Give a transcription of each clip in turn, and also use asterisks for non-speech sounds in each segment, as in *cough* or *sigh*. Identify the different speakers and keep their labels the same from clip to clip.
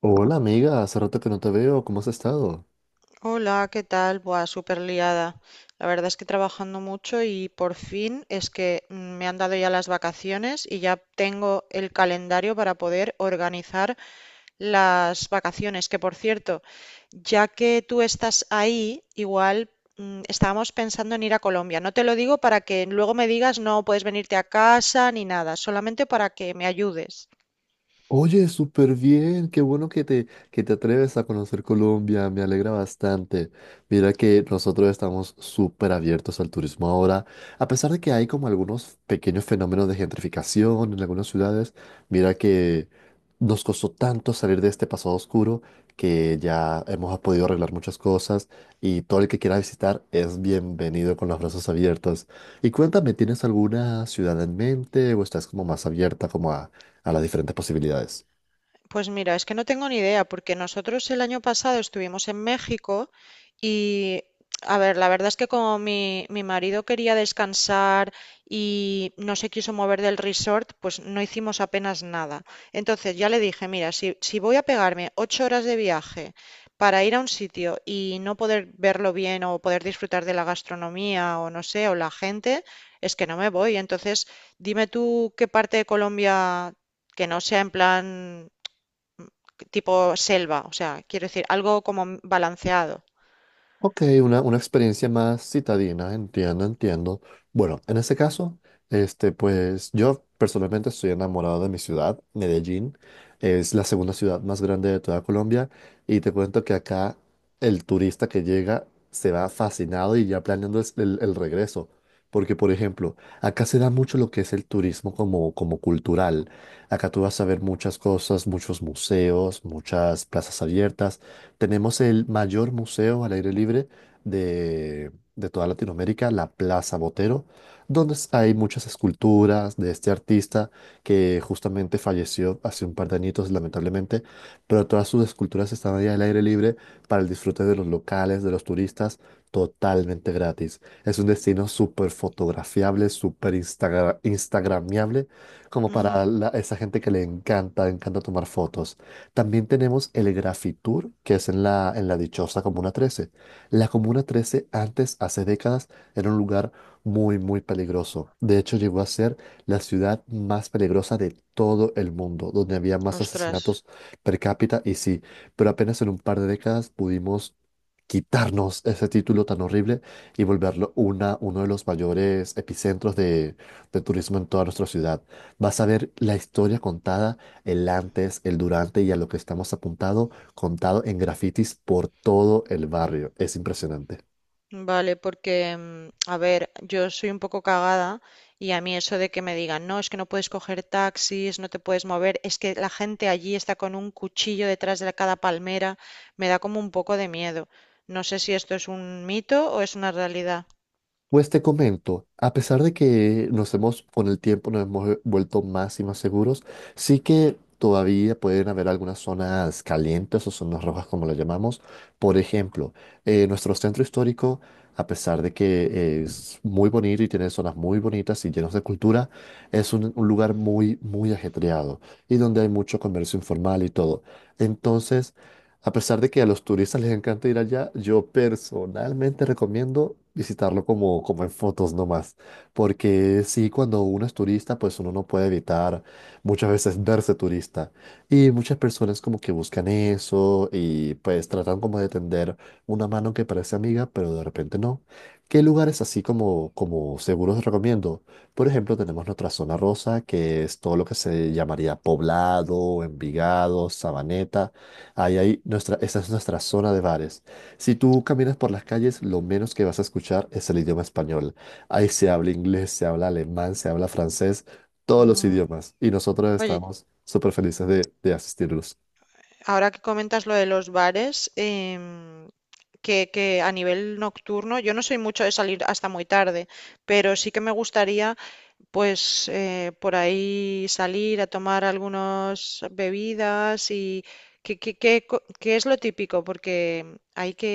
Speaker 1: Hola amiga, hace rato que no te veo, ¿cómo has estado?
Speaker 2: Hola, ¿qué tal? Buah, súper liada. La verdad es que trabajando mucho y por fin es que me han dado ya las vacaciones y ya tengo el calendario para poder organizar las vacaciones. Que por cierto, ya que tú estás ahí, igual estábamos pensando en ir a Colombia. No te lo digo para que luego me digas no puedes venirte a casa ni nada, solamente para que me ayudes.
Speaker 1: Oye, súper bien, qué bueno que te atreves a conocer Colombia, me alegra bastante. Mira que nosotros estamos súper abiertos al turismo ahora, a pesar de que hay como algunos pequeños fenómenos de gentrificación en algunas ciudades. Mira que nos costó tanto salir de este pasado oscuro, que ya hemos podido arreglar muchas cosas, y todo el que quiera visitar es bienvenido con los brazos abiertos. Y cuéntame, ¿tienes alguna ciudad en mente o estás como más abierta como a las diferentes posibilidades?
Speaker 2: Pues mira, es que no tengo ni idea, porque nosotros el año pasado estuvimos en México y, a ver, la verdad es que como mi marido quería descansar y no se quiso mover del resort, pues no hicimos apenas nada. Entonces ya le dije, mira, si voy a pegarme 8 horas de viaje para ir a un sitio y no poder verlo bien o poder disfrutar de la gastronomía o no sé, o la gente, es que no me voy. Entonces, dime tú qué parte de Colombia que no sea en plan tipo selva, o sea, quiero decir, algo como balanceado.
Speaker 1: Ok, una experiencia más citadina, entiendo, entiendo. Bueno, en ese caso, este, pues yo personalmente estoy enamorado de mi ciudad, Medellín. Es la segunda ciudad más grande de toda Colombia, y te cuento que acá el turista que llega se va fascinado y ya planeando el regreso. Porque, por ejemplo, acá se da mucho lo que es el turismo como cultural. Acá tú vas a ver muchas cosas, muchos museos, muchas plazas abiertas. Tenemos el mayor museo al aire libre de toda Latinoamérica, la Plaza Botero, donde hay muchas esculturas de este artista, que justamente falleció hace un par de añitos, lamentablemente, pero todas sus esculturas están ahí al aire libre para el disfrute de los locales, de los turistas, totalmente gratis. Es un destino súper fotografiable, súper instagramiable, como para
Speaker 2: Mm,
Speaker 1: esa gente que le encanta tomar fotos. También tenemos el Grafitur, que es en la dichosa Comuna 13. La Comuna 13 antes, hace décadas, era un lugar muy, muy peligroso. De hecho, llegó a ser la ciudad más peligrosa de todo el mundo, donde había más
Speaker 2: ostras,
Speaker 1: asesinatos per cápita. Y sí, pero apenas en un par de décadas pudimos quitarnos ese título tan horrible y volverlo uno de los mayores epicentros de turismo en toda nuestra ciudad. Vas a ver la historia contada, el antes, el durante y a lo que estamos apuntado, contado en grafitis por todo el barrio. Es impresionante.
Speaker 2: vale, porque, a ver, yo soy un poco cagada y a mí eso de que me digan, no, es que no puedes coger taxis, no te puedes mover, es que la gente allí está con un cuchillo detrás de cada palmera, me da como un poco de miedo. No sé si esto es un mito o es una realidad.
Speaker 1: Pues te comento, a pesar de que con el tiempo nos hemos vuelto más y más seguros, sí que todavía pueden haber algunas zonas calientes o zonas rojas, como lo llamamos. Por ejemplo, nuestro centro histórico, a pesar de que es muy bonito y tiene zonas muy bonitas y llenos de cultura, es un lugar muy, muy ajetreado, y donde hay mucho comercio informal y todo. Entonces, a pesar de que a los turistas les encanta ir allá, yo personalmente recomiendo visitarlo como en fotos nomás, porque sí, cuando uno es turista, pues uno no puede evitar muchas veces verse turista. Y muchas personas como que buscan eso y pues tratan como de tender una mano que parece amiga, pero de repente no. ¿Qué lugares así como seguros recomiendo? Por ejemplo, tenemos nuestra zona rosa, que es todo lo que se llamaría Poblado, Envigado, Sabaneta. Ahí hay esa es nuestra zona de bares. Si tú caminas por las calles, lo menos que vas a escuchar es el idioma español. Ahí se habla inglés, se habla alemán, se habla francés, todos los
Speaker 2: Mm.
Speaker 1: idiomas. Y nosotros
Speaker 2: Oye,
Speaker 1: estamos súper felices de asistirlos.
Speaker 2: ahora que comentas lo de los bares, que a nivel nocturno, yo no soy mucho de salir hasta muy tarde, pero sí que me gustaría, pues, por ahí salir a tomar algunas bebidas y ¿ qué es lo típico? Porque hay que,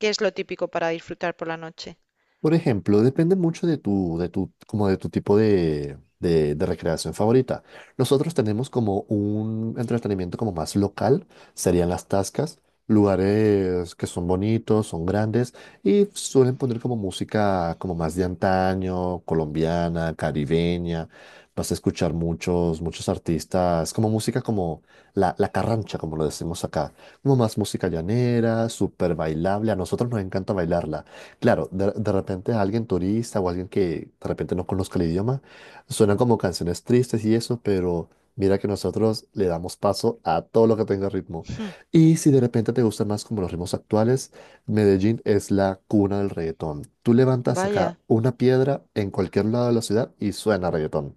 Speaker 2: ¿qué es lo típico para disfrutar por la noche?
Speaker 1: Por ejemplo, depende mucho de tu como de tu tipo de recreación favorita. Nosotros tenemos como un entretenimiento como más local, serían las tascas, lugares que son bonitos, son grandes, y suelen poner como música como más de antaño, colombiana, caribeña. Vas a escuchar muchos, muchos artistas, como música como la carrancha, como lo decimos acá, como más música llanera, súper bailable. A nosotros nos encanta bailarla. Claro, de repente alguien turista o alguien que de repente no conozca el idioma, suenan como canciones tristes y eso, pero mira que nosotros le damos paso a todo lo que tenga ritmo.
Speaker 2: Hmm,
Speaker 1: Y si de repente te gustan más como los ritmos actuales, Medellín es la cuna del reggaetón. Tú levantas acá
Speaker 2: vaya,
Speaker 1: una piedra en cualquier lado de la ciudad y suena reggaetón.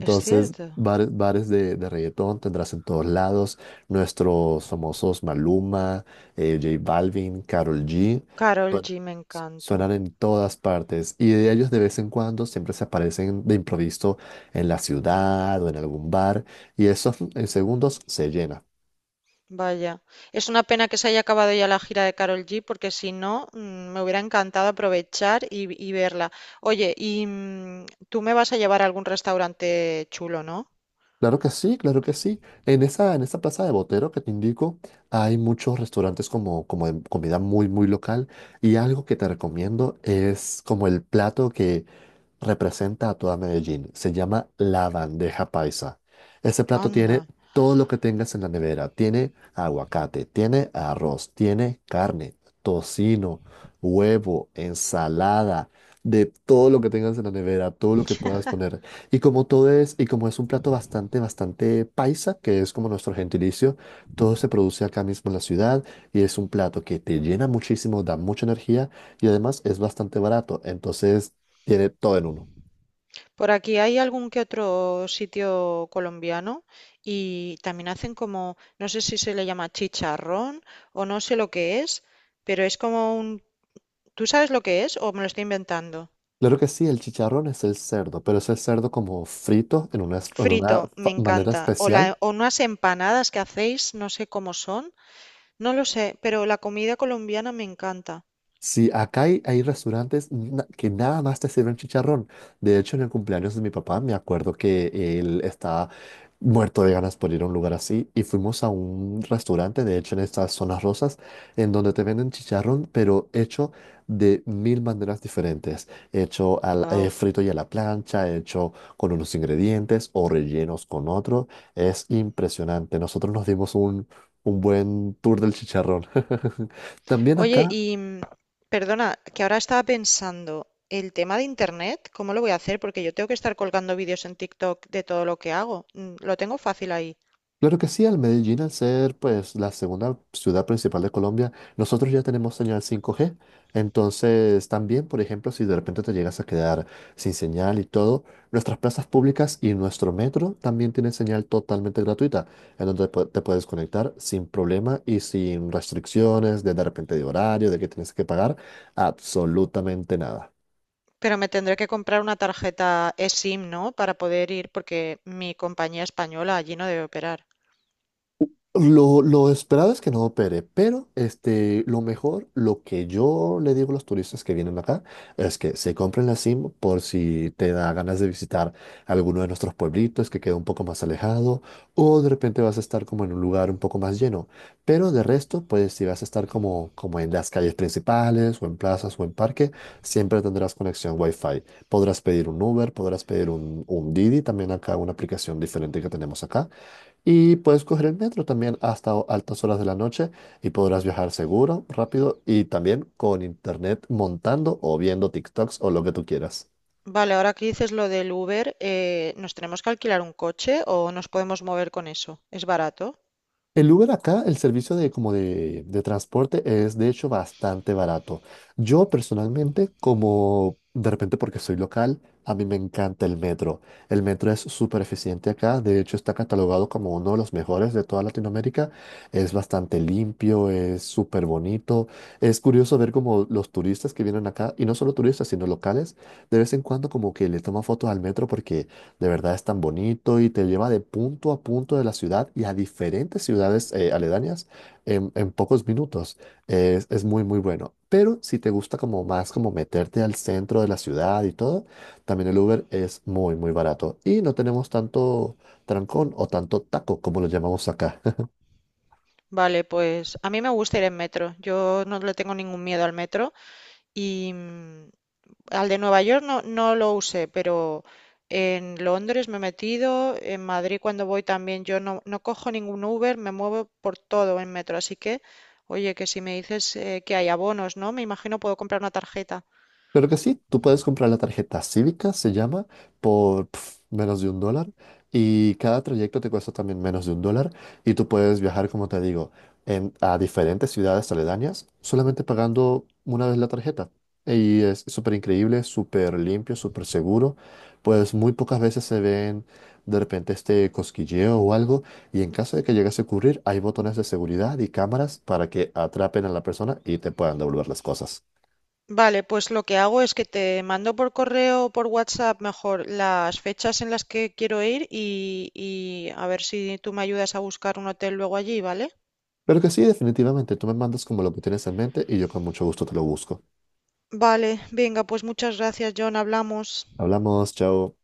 Speaker 2: es cierto.
Speaker 1: bares, bares de reggaetón tendrás en todos lados, nuestros famosos Maluma, J Balvin, Karol G.
Speaker 2: Carol G me encanta.
Speaker 1: Suenan en todas partes y de ellos de vez en cuando siempre se aparecen de improviso en la ciudad o en algún bar, y esos en segundos se llena.
Speaker 2: Vaya, es una pena que se haya acabado ya la gira de Karol G, porque si no, me hubiera encantado aprovechar y verla. Oye, tú me vas a llevar a algún restaurante chulo, ¿no?
Speaker 1: Claro que sí, claro que sí. En esa plaza de Botero que te indico, hay muchos restaurantes como, como de comida muy, muy local. Y algo que te recomiendo es como el plato que representa a toda Medellín. Se llama la bandeja paisa. Ese plato tiene
Speaker 2: Anda.
Speaker 1: todo lo que tengas en la nevera. Tiene aguacate, tiene arroz, tiene carne, tocino, huevo, ensalada, de todo lo que tengas en la nevera, todo lo que puedas poner. Y como es un plato bastante, bastante paisa, que es como nuestro gentilicio, todo se produce acá mismo en la ciudad, y es un plato que te llena muchísimo, da mucha energía y además es bastante barato, entonces tiene todo en uno.
Speaker 2: Por aquí hay algún que otro sitio colombiano y también hacen como, no sé si se le llama chicharrón o no sé lo que es, pero es como un… ¿Tú sabes lo que es o me lo estoy inventando?
Speaker 1: Claro que sí, el chicharrón es el cerdo, pero es el cerdo como frito en una,
Speaker 2: Frito, me
Speaker 1: manera
Speaker 2: encanta. O, la,
Speaker 1: especial.
Speaker 2: o unas empanadas que hacéis, no sé cómo son. No lo sé, pero la comida colombiana me encanta.
Speaker 1: Sí, acá hay restaurantes que nada más te sirven chicharrón. De hecho, en el cumpleaños de mi papá me acuerdo que él estaba muerto de ganas por ir a un lugar así, y fuimos a un restaurante, de hecho en estas zonas rosas, en donde te venden chicharrón, pero hecho de mil maneras diferentes. Hecho al,
Speaker 2: Wow.
Speaker 1: frito y a la plancha, hecho con unos ingredientes o rellenos con otros. Es impresionante. Nosotros nos dimos un buen tour del chicharrón. *laughs* También
Speaker 2: Oye,
Speaker 1: acá.
Speaker 2: perdona, que ahora estaba pensando, el tema de internet, ¿cómo lo voy a hacer? Porque yo tengo que estar colgando vídeos en TikTok de todo lo que hago. Mm, lo tengo fácil ahí.
Speaker 1: Claro que sí, al Medellín, al ser pues la segunda ciudad principal de Colombia, nosotros ya tenemos señal 5G. Entonces, también, por ejemplo, si de repente te llegas a quedar sin señal y todo, nuestras plazas públicas y nuestro metro también tienen señal totalmente gratuita, en donde te puedes conectar sin problema y sin restricciones de repente de horario, de que tienes que pagar absolutamente nada.
Speaker 2: Pero me tendré que comprar una tarjeta eSIM, ¿no? Para poder ir, porque mi compañía española allí no debe operar.
Speaker 1: Lo esperado es que no opere, pero este, lo mejor, lo que yo le digo a los turistas que vienen acá, es que se compren la SIM por si te da ganas de visitar alguno de nuestros pueblitos que queda un poco más alejado, o de repente vas a estar como en un lugar un poco más lleno. Pero de resto, pues si vas a estar como, como en las calles principales, o en plazas, o en parque, siempre tendrás conexión Wi-Fi. Podrás pedir un Uber, podrás pedir un Didi, también acá una aplicación diferente que tenemos acá, y puedes coger el metro también hasta altas horas de la noche, y podrás
Speaker 2: Mm,
Speaker 1: viajar seguro, rápido y también con internet montando o viendo TikToks o lo que tú quieras.
Speaker 2: vale, ahora que dices lo del Uber, ¿nos tenemos que alquilar un coche o nos podemos mover con eso? ¿Es barato?
Speaker 1: El Uber acá, el servicio de, de transporte es de hecho bastante barato. Yo personalmente, como de repente porque soy local, a mí me encanta el metro. El metro es súper eficiente acá, de hecho está catalogado como uno de los mejores de toda Latinoamérica. Es bastante limpio, es súper bonito. Es curioso ver como los turistas que vienen acá, y no solo turistas, sino locales, de vez en cuando como que le toman fotos al metro porque de verdad es tan bonito, y te lleva de punto a punto de la ciudad y a diferentes ciudades aledañas en pocos minutos. Es muy, muy bueno. Pero si te gusta como más como meterte al centro de la ciudad y todo, también el Uber es muy, muy barato. Y no tenemos tanto trancón o tanto taco, como lo llamamos acá.
Speaker 2: Vale, pues a mí me gusta ir en metro. Yo no le tengo ningún miedo al metro y al de Nueva York no lo usé, pero en Londres me he metido, en Madrid cuando voy también yo no cojo ningún Uber, me muevo por todo en metro. Así que, oye, que si me dices que hay abonos, ¿no? Me imagino puedo comprar una tarjeta.
Speaker 1: Claro que sí, tú puedes comprar la tarjeta cívica, se llama, menos de un dólar, y cada trayecto te cuesta también menos de un dólar, y tú puedes viajar, como te digo, a diferentes ciudades aledañas solamente pagando una vez la tarjeta. Y es súper increíble, súper limpio, súper seguro, pues muy pocas veces se ven de repente este cosquilleo o algo, y en caso de que llegase a ocurrir hay botones de seguridad y cámaras para que atrapen a la persona y te puedan devolver las cosas.
Speaker 2: Vale, pues lo que hago es que te mando por correo o por WhatsApp mejor las fechas en las que quiero ir y a ver si tú me ayudas a buscar un hotel luego allí, ¿vale?
Speaker 1: Pero que sí, definitivamente, tú me mandas como lo que tienes en mente y yo con mucho gusto te lo busco.
Speaker 2: Vale, venga pues muchas gracias John, hablamos.
Speaker 1: Hablamos, chao.